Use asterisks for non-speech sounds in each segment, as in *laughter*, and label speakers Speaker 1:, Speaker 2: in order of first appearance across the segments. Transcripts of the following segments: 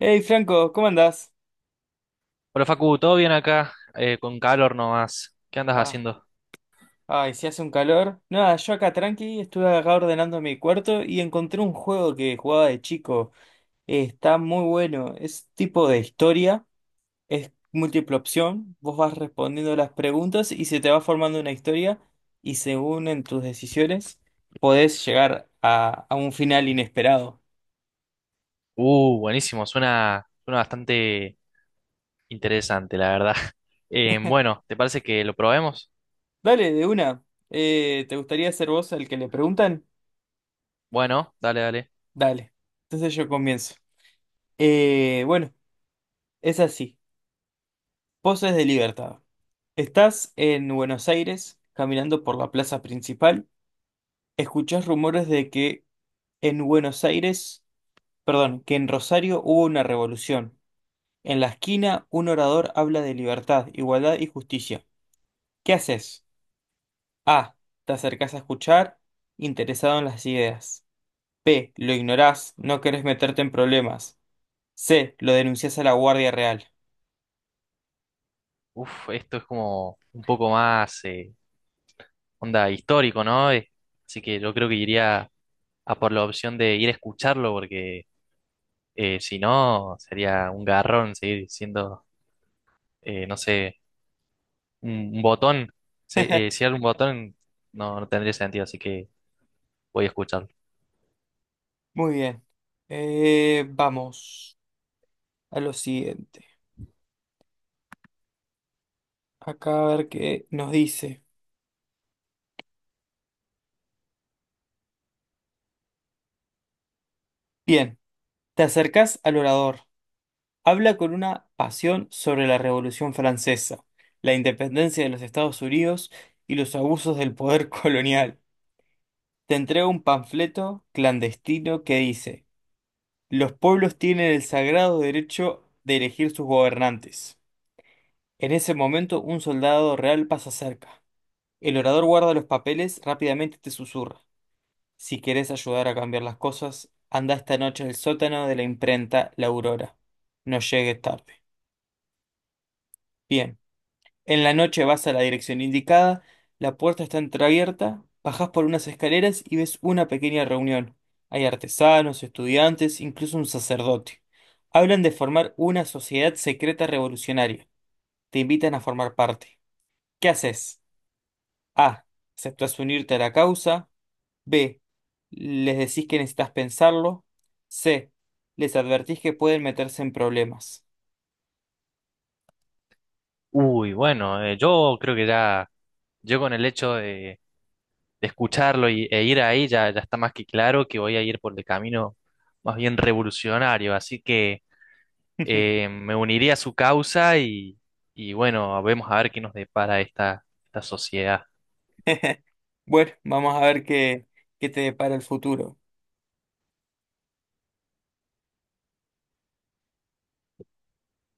Speaker 1: Hey Franco, ¿cómo andás?
Speaker 2: Hola Facu, ¿todo bien acá? Con calor nomás. ¿Qué andas
Speaker 1: Ah,
Speaker 2: haciendo?
Speaker 1: ay, si hace un calor. Nada, yo acá tranqui, estuve acá ordenando mi cuarto y encontré un juego que jugaba de chico. Está muy bueno, es tipo de historia, es múltiple opción, vos vas respondiendo las preguntas y se te va formando una historia y según en tus decisiones podés llegar a un final inesperado.
Speaker 2: Buenísimo, suena bastante interesante, la verdad. *laughs* Bueno, ¿te parece que lo probemos?
Speaker 1: Dale, de una. ¿te gustaría ser vos el que le preguntan?
Speaker 2: Bueno, dale.
Speaker 1: Dale, entonces yo comienzo. Bueno, es así. Poses de libertad. Estás en Buenos Aires, caminando por la plaza principal. Escuchás rumores de que en Buenos Aires, perdón, que en Rosario hubo una revolución. En la esquina, un orador habla de libertad, igualdad y justicia. ¿Qué haces? A. Te acercás a escuchar, interesado en las ideas. B. Lo ignorás, no querés meterte en problemas. C. Lo denunciás a la Guardia Real.
Speaker 2: Uf, esto es como un poco más onda histórico, ¿no? Así que yo creo que iría a por la opción de ir a escucharlo, porque si no, sería un garrón seguir siendo, no sé, un, un botón. Si,
Speaker 1: *laughs*
Speaker 2: si era un botón, no, no tendría sentido, así que voy a escucharlo.
Speaker 1: Muy bien. Vamos a lo siguiente. Acá a ver qué nos dice. Bien, te acercás al orador. Habla con una pasión sobre la Revolución Francesa, la independencia de los Estados Unidos y los abusos del poder *laughs* colonial. Te entrega un panfleto clandestino que dice, los pueblos tienen el sagrado derecho de elegir sus gobernantes. En ese momento un soldado real pasa cerca. El orador guarda los papeles, rápidamente te susurra. Si querés ayudar a cambiar las cosas, anda esta noche al sótano de la imprenta La Aurora. No llegues tarde. Bien, en la noche vas a la dirección indicada, la puerta está entreabierta, bajás por unas escaleras y ves una pequeña reunión. Hay artesanos, estudiantes, incluso un sacerdote. Hablan de formar una sociedad secreta revolucionaria. Te invitan a formar parte. ¿Qué haces? A. ¿Aceptas unirte a la causa? B. Les decís que necesitas pensarlo. C. Les advertís que pueden meterse en problemas.
Speaker 2: Uy, bueno, yo creo que ya, yo con el hecho de escucharlo y, e ir ahí, ya está más que claro que voy a ir por el camino más bien revolucionario, así que me uniría a su causa y bueno, vemos a ver qué nos depara esta sociedad.
Speaker 1: *laughs* Bueno, vamos a ver qué te depara el futuro.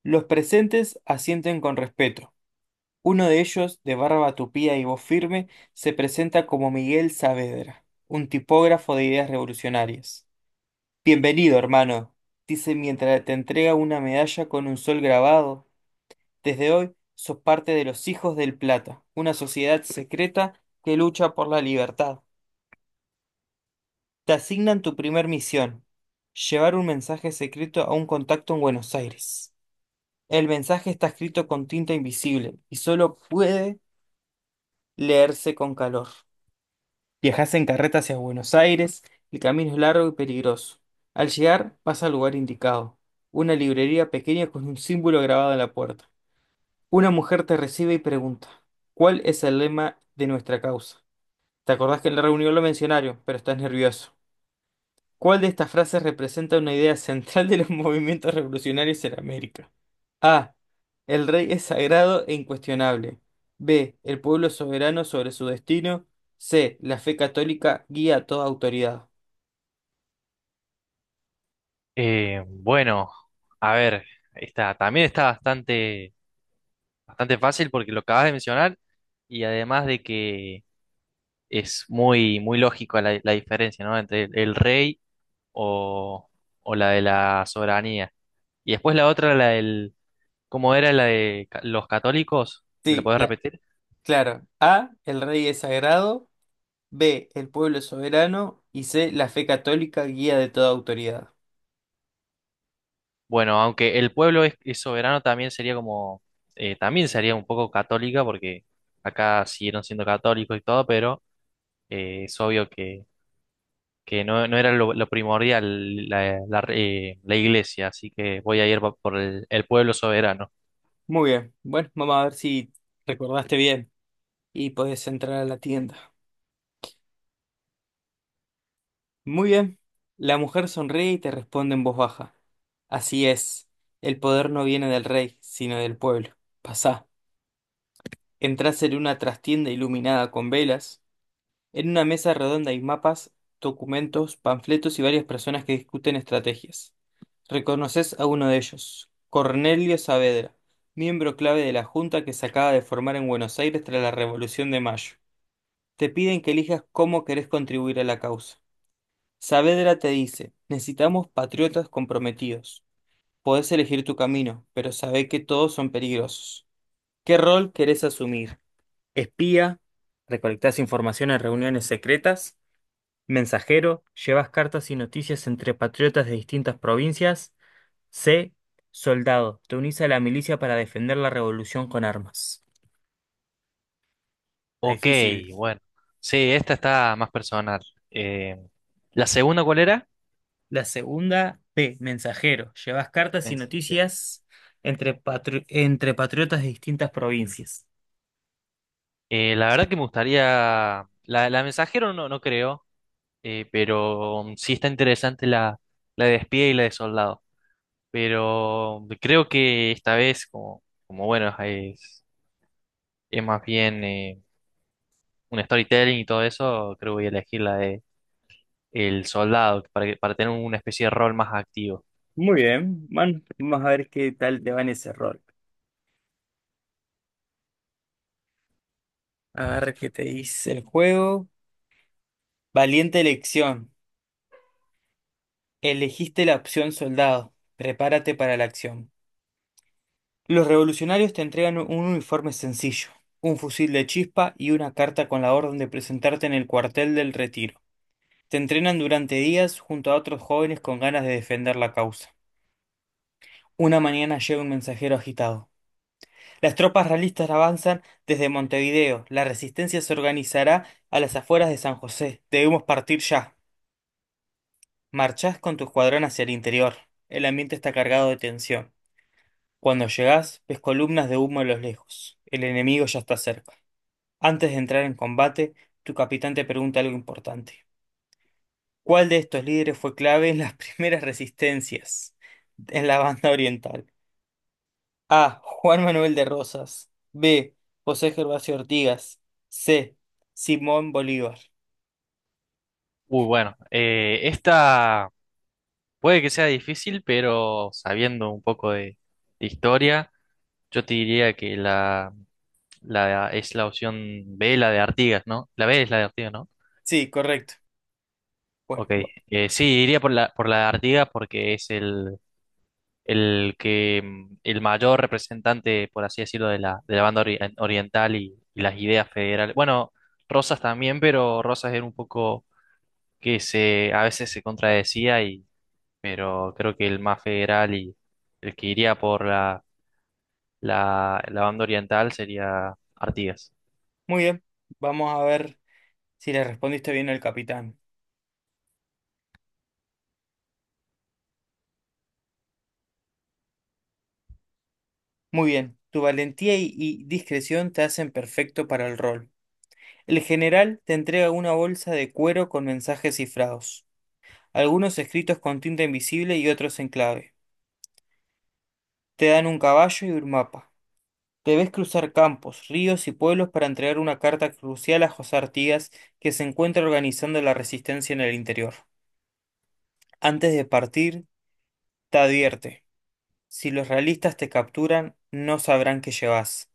Speaker 1: Los presentes asienten con respeto. Uno de ellos, de barba tupida y voz firme, se presenta como Miguel Saavedra, un tipógrafo de ideas revolucionarias. Bienvenido, hermano, dice mientras te entrega una medalla con un sol grabado. Desde hoy sos parte de los Hijos del Plata, una sociedad secreta que lucha por la libertad. Te asignan tu primer misión, llevar un mensaje secreto a un contacto en Buenos Aires. El mensaje está escrito con tinta invisible y solo puede leerse con calor. Viajás en carreta hacia Buenos Aires, el camino es largo y peligroso. Al llegar, vas al lugar indicado, una librería pequeña con un símbolo grabado en la puerta. Una mujer te recibe y pregunta, ¿cuál es el lema de nuestra causa? Te acordás que en la reunión lo mencionaron, pero estás nervioso. ¿Cuál de estas frases representa una idea central de los *laughs* movimientos revolucionarios en América? A. El rey es sagrado e incuestionable. B. El pueblo es soberano sobre su destino. C. La fe católica guía a toda autoridad.
Speaker 2: Bueno, a ver, también está bastante fácil porque lo acabas de mencionar y además de que es muy lógico la diferencia, ¿no? Entre el rey o, o la de la soberanía. Y después la otra, ¿cómo era la de los católicos? ¿Me la
Speaker 1: Sí,
Speaker 2: podés repetir?
Speaker 1: claro. A. El rey es sagrado. B. El pueblo es soberano. Y C. La fe católica guía de toda autoridad.
Speaker 2: Bueno, aunque el pueblo es soberano, también sería como, también sería un poco católica, porque acá siguieron siendo católicos y todo, pero es obvio que no, no era lo primordial la la iglesia, así que voy a ir por el pueblo soberano.
Speaker 1: Muy bien. Bueno, vamos a ver si recordaste bien y podés entrar a la tienda. Muy bien. La mujer sonríe y te responde en voz baja. Así es. El poder no viene del rey, sino del pueblo. Pasá. Entrás en una trastienda iluminada con velas. En una mesa redonda hay mapas, documentos, panfletos y varias personas que discuten estrategias. Reconoces a uno de ellos, Cornelio Saavedra, miembro clave de la junta que se acaba de formar en Buenos Aires tras la Revolución de Mayo. Te piden que elijas cómo querés contribuir a la causa. Saavedra te dice, necesitamos patriotas comprometidos. Podés elegir tu camino, pero sabé que todos son peligrosos. ¿Qué rol querés asumir? ¿Espía? ¿Recolectás información en reuniones secretas? ¿Mensajero? ¿Llevas cartas y noticias entre patriotas de distintas provincias? C. Soldado. Te unís a la milicia para defender la revolución con armas. Está
Speaker 2: Ok,
Speaker 1: difícil.
Speaker 2: bueno. Sí, esta está más personal. Eh, ¿La segunda cuál era?
Speaker 1: La segunda, P, mensajero. Llevas cartas y
Speaker 2: Messenger.
Speaker 1: noticias entre, entre patriotas de distintas provincias.
Speaker 2: La verdad que me gustaría. La mensajero no, no creo, pero mm, sí está interesante la de espía y la de soldado. Pero creo que esta vez, como, como bueno, es más bien un storytelling y todo eso, creo que voy a elegir la de el soldado para, para tener una especie de rol más activo.
Speaker 1: Muy bien, man, vamos a ver qué tal te va en ese rol. A ver qué te dice el juego. Valiente elección. Elegiste la opción soldado. Prepárate para la acción. Los revolucionarios te entregan un uniforme sencillo, un fusil de chispa y una carta con la orden de presentarte en el cuartel del Retiro. Te entrenan durante días junto a otros jóvenes con ganas de defender la causa. Una mañana llega un mensajero agitado. Las tropas realistas avanzan desde Montevideo. La resistencia se organizará a las afueras de San José. Debemos partir ya. Marchás con tu escuadrón hacia el interior. El ambiente está cargado de tensión. Cuando llegás, ves columnas de humo a los lejos. El enemigo ya está cerca. Antes de entrar en combate, tu capitán te pregunta algo importante. ¿Cuál de estos líderes fue clave en las *laughs* primeras resistencias en la banda oriental? A. Juan Manuel de Rosas. B. José Gervasio Ortigas. C. Simón Bolívar.
Speaker 2: Uy, bueno, esta puede que sea difícil, pero sabiendo un poco de historia. Yo te diría que la es la opción B, la de Artigas, ¿no? La B es la de Artigas, ¿no?
Speaker 1: Sí, correcto. Bueno,
Speaker 2: Ok. Sí, iría por por la de Artigas porque es el que mm, el mayor representante, por así decirlo, de de la banda oriental y las ideas federales. Bueno, Rosas también, pero Rosas era un poco que se a veces se contradecía y, pero creo que el más federal y el que iría por la banda oriental sería Artigas.
Speaker 1: muy bien. Vamos a ver si le respondiste bien al capitán. Muy bien. Tu valentía y discreción te hacen perfecto para el rol. El general te entrega una bolsa de cuero con mensajes cifrados, algunos escritos con tinta invisible y otros en clave. Te dan un caballo y un mapa. Debes cruzar campos, ríos y pueblos para entregar una carta crucial a José Artigas, que se encuentra organizando la resistencia en el interior. Antes de partir, te advierte. Si los realistas te capturan, no sabrán que llevas,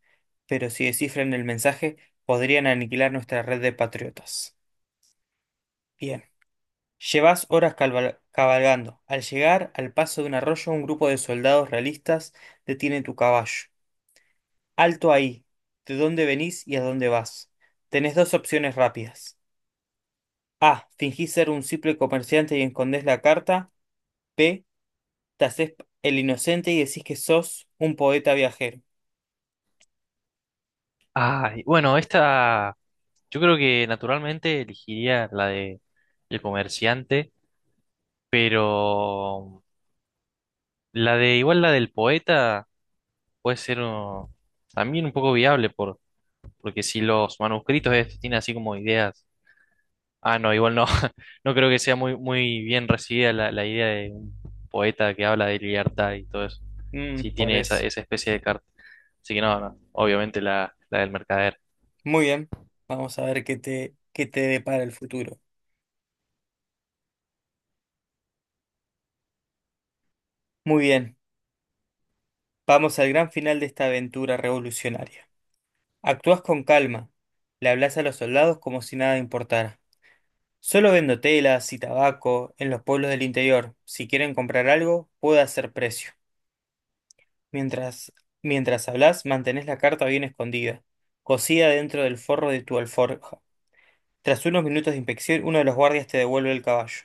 Speaker 1: pero si descifran el mensaje, podrían aniquilar nuestra red de patriotas. Bien. Llevas horas cabalgando. Al llegar al paso de un arroyo, un grupo de soldados realistas detiene tu caballo. Alto ahí. ¿De dónde venís y a dónde vas? Tenés dos opciones rápidas. A. Fingís ser un simple comerciante y escondés la carta. B. Te hacés el inocente y decís que sos un poeta viajero.
Speaker 2: Ay, bueno, esta yo creo que naturalmente elegiría la de el comerciante, pero la de igual la del poeta puede ser también un poco viable por, porque si los manuscritos estos tienen así como ideas. Ah, no, igual no. *laughs* No creo que sea muy muy bien recibida la idea de un poeta que habla de libertad y todo eso.
Speaker 1: Mm,
Speaker 2: Si
Speaker 1: por
Speaker 2: tiene
Speaker 1: eso.
Speaker 2: esa especie de carta. Así que no, no, obviamente la del mercader.
Speaker 1: Muy bien. Vamos a ver qué te depara el futuro. Muy bien. Vamos al gran final de esta aventura revolucionaria. Actúas con calma. Le hablas a los soldados como si nada importara. Solo vendo telas y tabaco en los pueblos del interior. Si quieren comprar algo, puedo hacer precio. Mientras, mientras hablas, mantenés la carta bien escondida, cosida dentro del forro de tu alforja. Tras unos minutos de inspección, uno de los guardias te devuelve el caballo.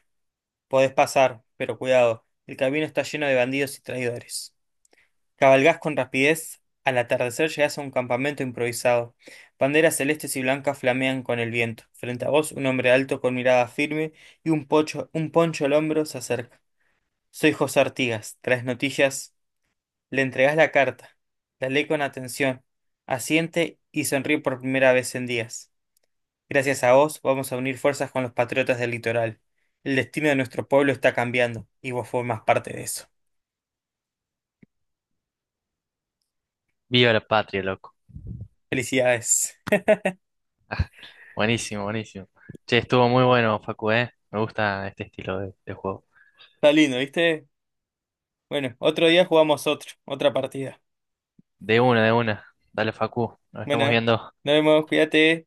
Speaker 1: Podés pasar, pero cuidado, el camino está lleno de bandidos y traidores. Cabalgás con rapidez, al atardecer llegás a un campamento improvisado. Banderas celestes y blancas flamean con el viento. Frente a vos, un hombre alto con mirada firme y un poncho al hombro se acerca. Soy José Artigas. Traes noticias. Le entregás la carta. La lee con atención. Asiente y sonríe por primera vez en días. Gracias a vos, vamos a unir fuerzas con los patriotas del litoral. El destino de nuestro pueblo está cambiando y vos formás parte de eso.
Speaker 2: Viva la patria, loco.
Speaker 1: Felicidades.
Speaker 2: Buenísimo, buenísimo. Che, estuvo muy bueno, Facu, ¿eh? Me gusta este estilo de juego.
Speaker 1: Está lindo, ¿viste? Bueno, otro día jugamos otra partida.
Speaker 2: De una, de una. Dale, Facu, nos
Speaker 1: Bueno,
Speaker 2: estamos
Speaker 1: nos
Speaker 2: viendo.
Speaker 1: vemos, cuídate.